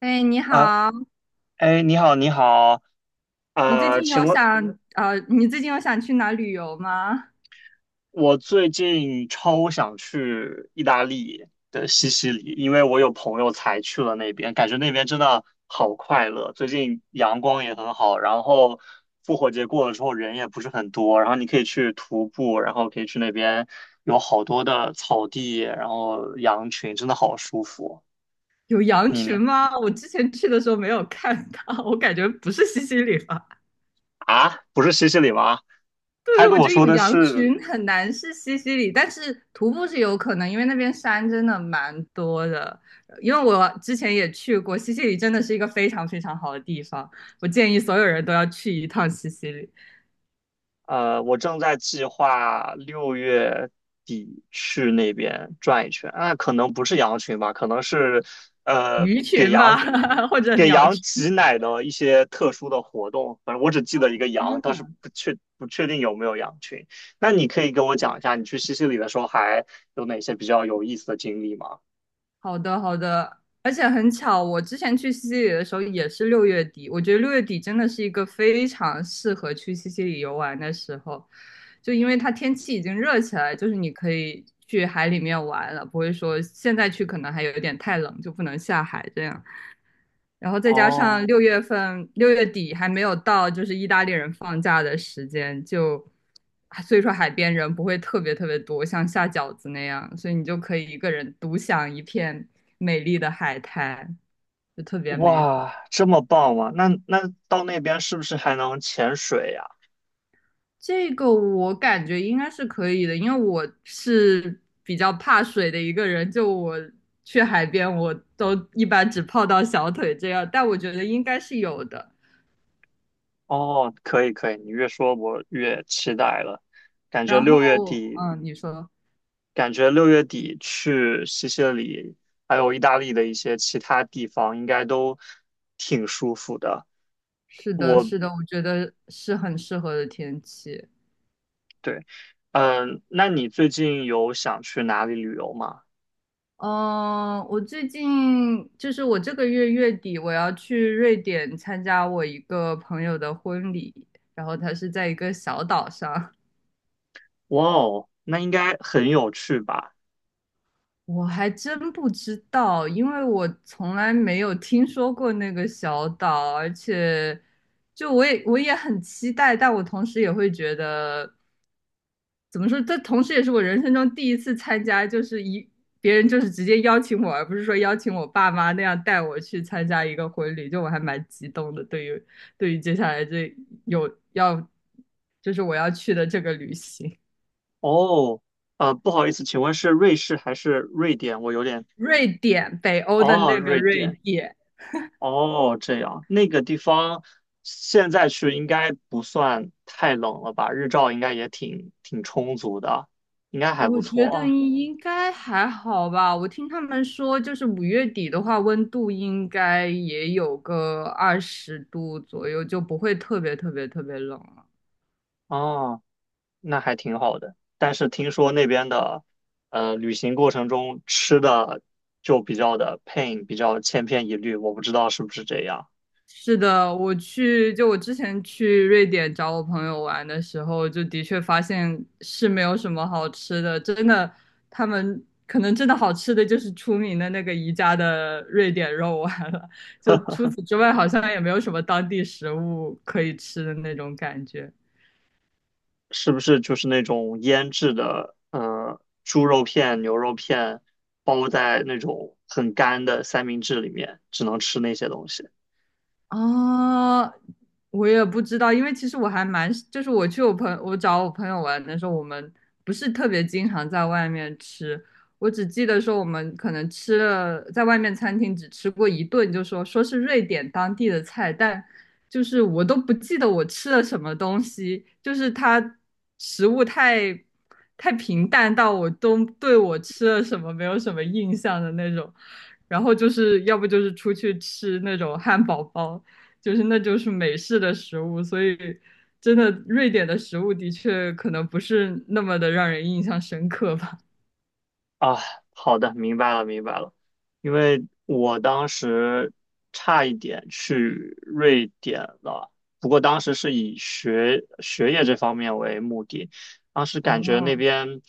哎，你啊，好，你好，你好，请问。你最近有想去哪旅游吗？我最近超想去意大利的西西里，因为我有朋友才去了那边，感觉那边真的好快乐。最近阳光也很好，然后复活节过了之后人也不是很多，然后你可以去徒步，然后可以去那边有好多的草地，然后羊群，真的好舒服。有羊你呢？群吗？我之前去的时候没有看到，我感觉不是西西里吧？啊，不是西西里吗？他对，我跟我觉得说有的羊是。群很难是西西里，但是徒步是有可能，因为那边山真的蛮多的。因为我之前也去过，西西里真的是一个非常非常好的地方，我建议所有人都要去一趟西西里，我正在计划六月底去那边转一圈，啊，可能不是羊群吧，可能是呃鱼给群羊吧，或者给鸟羊群。挤奶的一些特殊的活动，反正我只记哦，得一个天羊，但是呐！不确定有没有羊群。那你可以跟我讲一下，你去西西里的时候还有哪些比较有意思的经历吗？好的，好的，而且很巧，我之前去西西里的时候也是六月底，我觉得六月底真的是一个非常适合去西西里游玩的时候，就因为它天气已经热起来，就是你可以去海里面玩了，不会说现在去可能还有点太冷，就不能下海这样。然后再加哦，上6月份六月底还没有到，就是意大利人放假的时间，就啊所以说海边人不会特别特别多，像下饺子那样，所以你就可以一个人独享一片美丽的海滩，就特别美哇，好。这么棒吗？那到那边是不是还能潜水呀？这个我感觉应该是可以的，因为我是比较怕水的一个人，就我去海边我都一般只泡到小腿这样，但我觉得应该是有的。哦，可以可以，你越说我越期待了。感觉然后，六月底，嗯，你说。感觉六月底去西西里，还有意大利的一些其他地方，应该都挺舒服的。是的，我是的，我觉得是很适合的天气。对。那你最近有想去哪里旅游吗？嗯，我最近就是我这个月月底我要去瑞典参加我一个朋友的婚礼，然后他是在一个小岛上，哇哦，那应该很有趣吧？我还真不知道，因为我从来没有听说过那个小岛，而且就我也很期待，但我同时也会觉得。怎么说？这同时也是我人生中第一次参加，就是一别人就是直接邀请我，而不是说邀请我爸妈那样带我去参加一个婚礼，就我还蛮激动的。对于接下来这有要，就是我要去的这个旅行，哦，不好意思，请问是瑞士还是瑞典？我有点，瑞典，北欧的哦，那个瑞瑞典。典。哦，这样，那个地方现在去应该不算太冷了吧？日照应该也挺充足的，应该还不我觉错得啊。应该还好吧。我听他们说，就是5月底的话，温度应该也有个20度左右，就不会特别特别特别冷了。哦，那还挺好的。但是听说那边的，旅行过程中吃的就比较的 pain，比较千篇一律，我不知道是不是这样，是的，就我之前去瑞典找我朋友玩的时候，就的确发现是没有什么好吃的，真的，他们可能真的好吃的就是出名的那个宜家的瑞典肉丸了，就除此之外，好像也没有什么当地食物可以吃的那种感觉。是不是就是那种腌制的，猪肉片、牛肉片包在那种很干的三明治里面，只能吃那些东西。啊，我也不知道，因为其实我还蛮，就是我找我朋友玩的时候，我们不是特别经常在外面吃，我只记得说我们可能吃了在外面餐厅只吃过一顿，就说是瑞典当地的菜，但就是我都不记得我吃了什么东西，就是它食物太平淡到我都对我吃了什么没有什么印象的那种，然后就是要不就是出去吃那种汉堡包。就是那就是美式的食物，所以真的瑞典的食物的确可能不是那么的让人印象深刻吧。啊，好的，明白了，明白了。因为我当时差一点去瑞典了，不过当时是以学业这方面为目的，当时感觉那哦，边。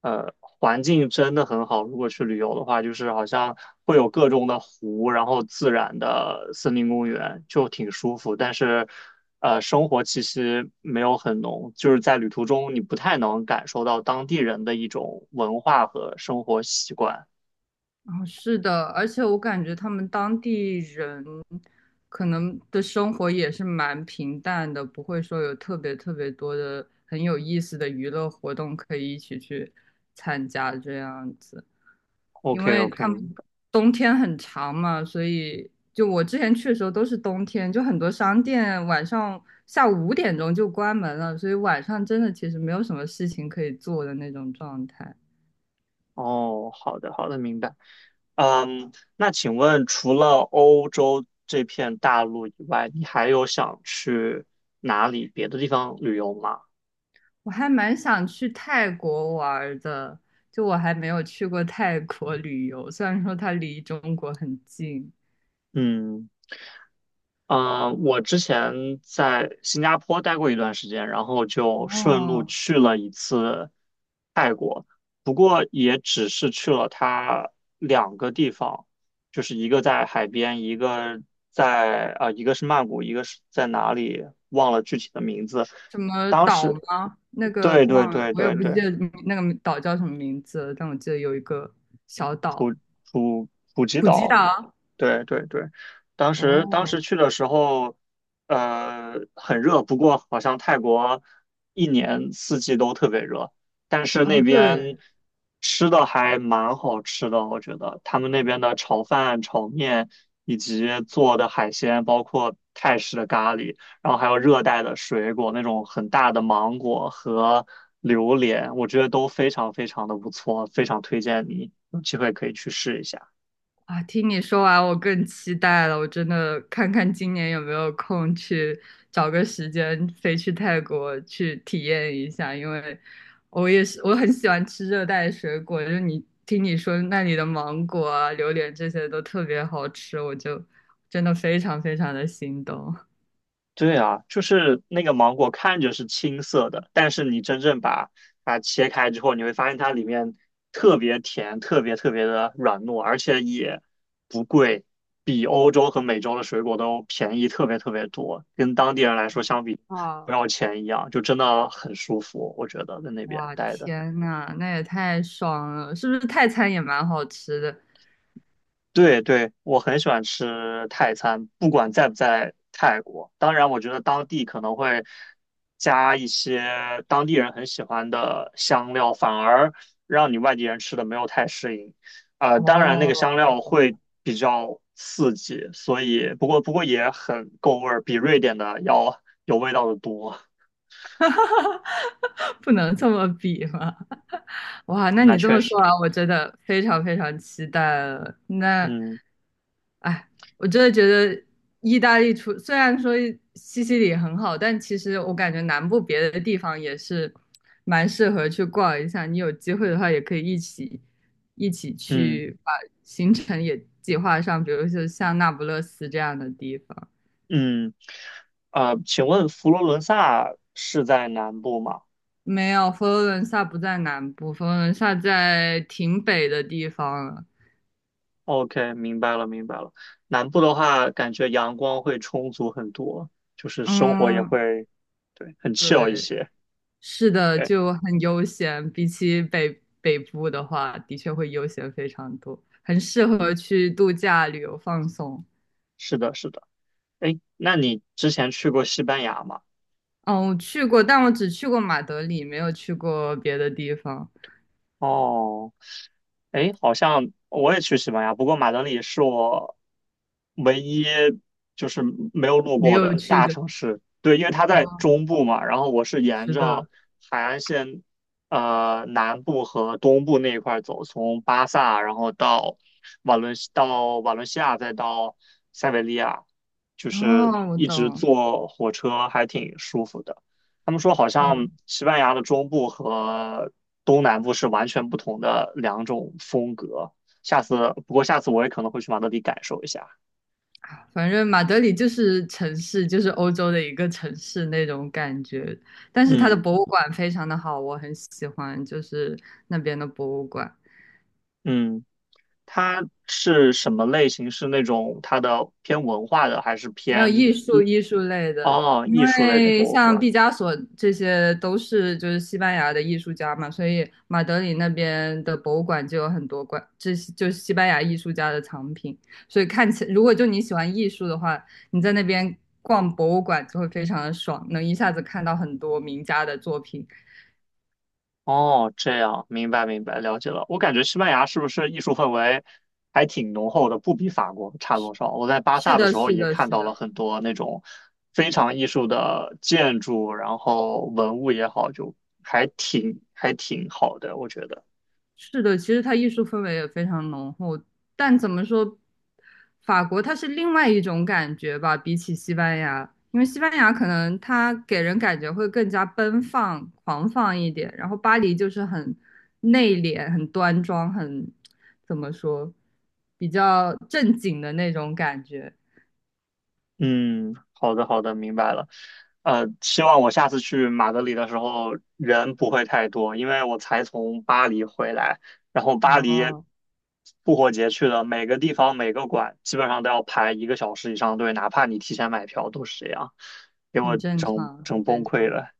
环境真的很好。如果去旅游的话，就是好像会有各种的湖，然后自然的森林公园，就挺舒服。但是，生活气息没有很浓，就是在旅途中你不太能感受到当地人的一种文化和生活习惯。哦，是的，而且我感觉他们当地人可能的生活也是蛮平淡的，不会说有特别特别多的很有意思的娱乐活动可以一起去参加这样子，因 OK 为 OK，他明们白。冬天很长嘛，所以就我之前去的时候都是冬天，就很多商店晚上下午5点钟就关门了，所以晚上真的其实没有什么事情可以做的那种状态。哦，好的好的，明白。嗯，那请问除了欧洲这片大陆以外，你还有想去哪里别的地方旅游吗？我还蛮想去泰国玩儿的，就我还没有去过泰国旅游，虽然说它离中国很近。嗯。嗯，我之前在新加坡待过一段时间，然后就顺路哦，去了一次泰国，不过也只是去了它两个地方，就是一个在海边，一个是曼谷，一个是在哪里忘了具体的名字。什么当岛时，吗？那个对对忘了，对我也对不对，记得那个岛叫什么名字但我记得有一个小岛，普普吉普吉岛。岛。对对对，当时哦，去的时候，很热，不过好像泰国一年四季都特别热，但是那哦，对，边吃的还蛮好吃的，我觉得他们那边的炒饭、炒面以及做的海鲜，包括泰式的咖喱，然后还有热带的水果，那种很大的芒果和榴莲，我觉得都非常非常的不错，非常推荐你有机会可以去试一下。啊，听你说完，我更期待了。我真的看看今年有没有空去找个时间飞去泰国去体验一下，因为我也是我很喜欢吃热带水果，就是你说那里的芒果啊、榴莲这些都特别好吃，我就真的非常非常的心动。对啊，就是那个芒果看着是青色的，但是你真正把它切开之后，你会发现它里面特别甜，特别特别的软糯，而且也不贵，比欧洲和美洲的水果都便宜特别特别多，跟当地人来说相比不啊，要钱一样，就真的很舒服，我觉得在那边哇，待的。天呐，那也太爽了！是不是泰餐也蛮好吃的？对对，我很喜欢吃泰餐，不管在不在泰国。当然，我觉得当地可能会加一些当地人很喜欢的香料，反而让你外地人吃的没有太适应。哦，当然那个香我料懂会了 比较刺激，所以不过也很够味儿，比瑞典的要有味道的多。不能这么比嘛。哇，那那你这确么说实，完，我真的非常非常期待了。那，嗯哎，我真的觉得意大利虽然说西西里很好，但其实我感觉南部别的地方也是蛮适合去逛一下。你有机会的话，也可以一起一起嗯去把行程也计划上，比如说像那不勒斯这样的地方。嗯。请问佛罗伦萨是在南部吗？没有，佛罗伦萨不在南部，佛罗伦萨在挺北的地方了。OK，明白了，明白了。南部的话，感觉阳光会充足很多，就是生活也嗯，会，对，很 chill 一对。些。是的，对，就很悠闲，比起北部的话，的确会悠闲非常多，很适合去度假、旅游、放松。是的，是的。哎，那你之前去过西班牙吗？嗯，我去过，但我只去过马德里，没有去过别的地方，哦，哎，好像我也去西班牙，不过马德里是我唯一就是没有路没过有的去大的。城市。对，因为它在哦，中部嘛，然后我是沿是着的，海岸线，南部和东部那一块儿走，从巴萨，然后到瓦伦西亚，再到塞维利亚，就是哦，我一直懂。坐火车还挺舒服的。他们说好像哦，西班牙的中部和东南部是完全不同的两种风格。不过下次我也可能会去马德里感受一下。反正马德里就是城市，就是欧洲的一个城市那种感觉，但是它的嗯博物馆非常的好，我很喜欢，就是那边的博物馆。嗯。它是什么类型？是那种它的偏文化的，还是没有偏艺术类的，哦因艺术类的为博物像馆？毕加索这些都是就是西班牙的艺术家嘛，所以马德里那边的博物馆就有很多馆，这些就是西班牙艺术家的藏品，所以看起如果就你喜欢艺术的话，你在那边逛博物馆就会非常的爽，能一下子看到很多名家的作品。哦，这样，明白明白，了解了。我感觉西班牙是不是艺术氛围还挺浓厚的，不比法国差多少。我在巴是萨的的，时候是也的，看是到的。了很多那种非常艺术的建筑，然后文物也好，就还挺好的，我觉得。是的，其实它艺术氛围也非常浓厚，但怎么说，法国它是另外一种感觉吧，比起西班牙，因为西班牙可能它给人感觉会更加奔放、狂放一点，然后巴黎就是很内敛、很端庄、很怎么说，比较正经的那种感觉。嗯，好的，好的，明白了。希望我下次去马德里的时候人不会太多，因为我才从巴黎回来，然后巴黎哦，复活节去的，每个地方每个馆基本上都要排一个小时以上队，哪怕你提前买票都是这样，给我很正整常，很整正崩溃常，了。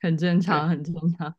很正常，对。很正常。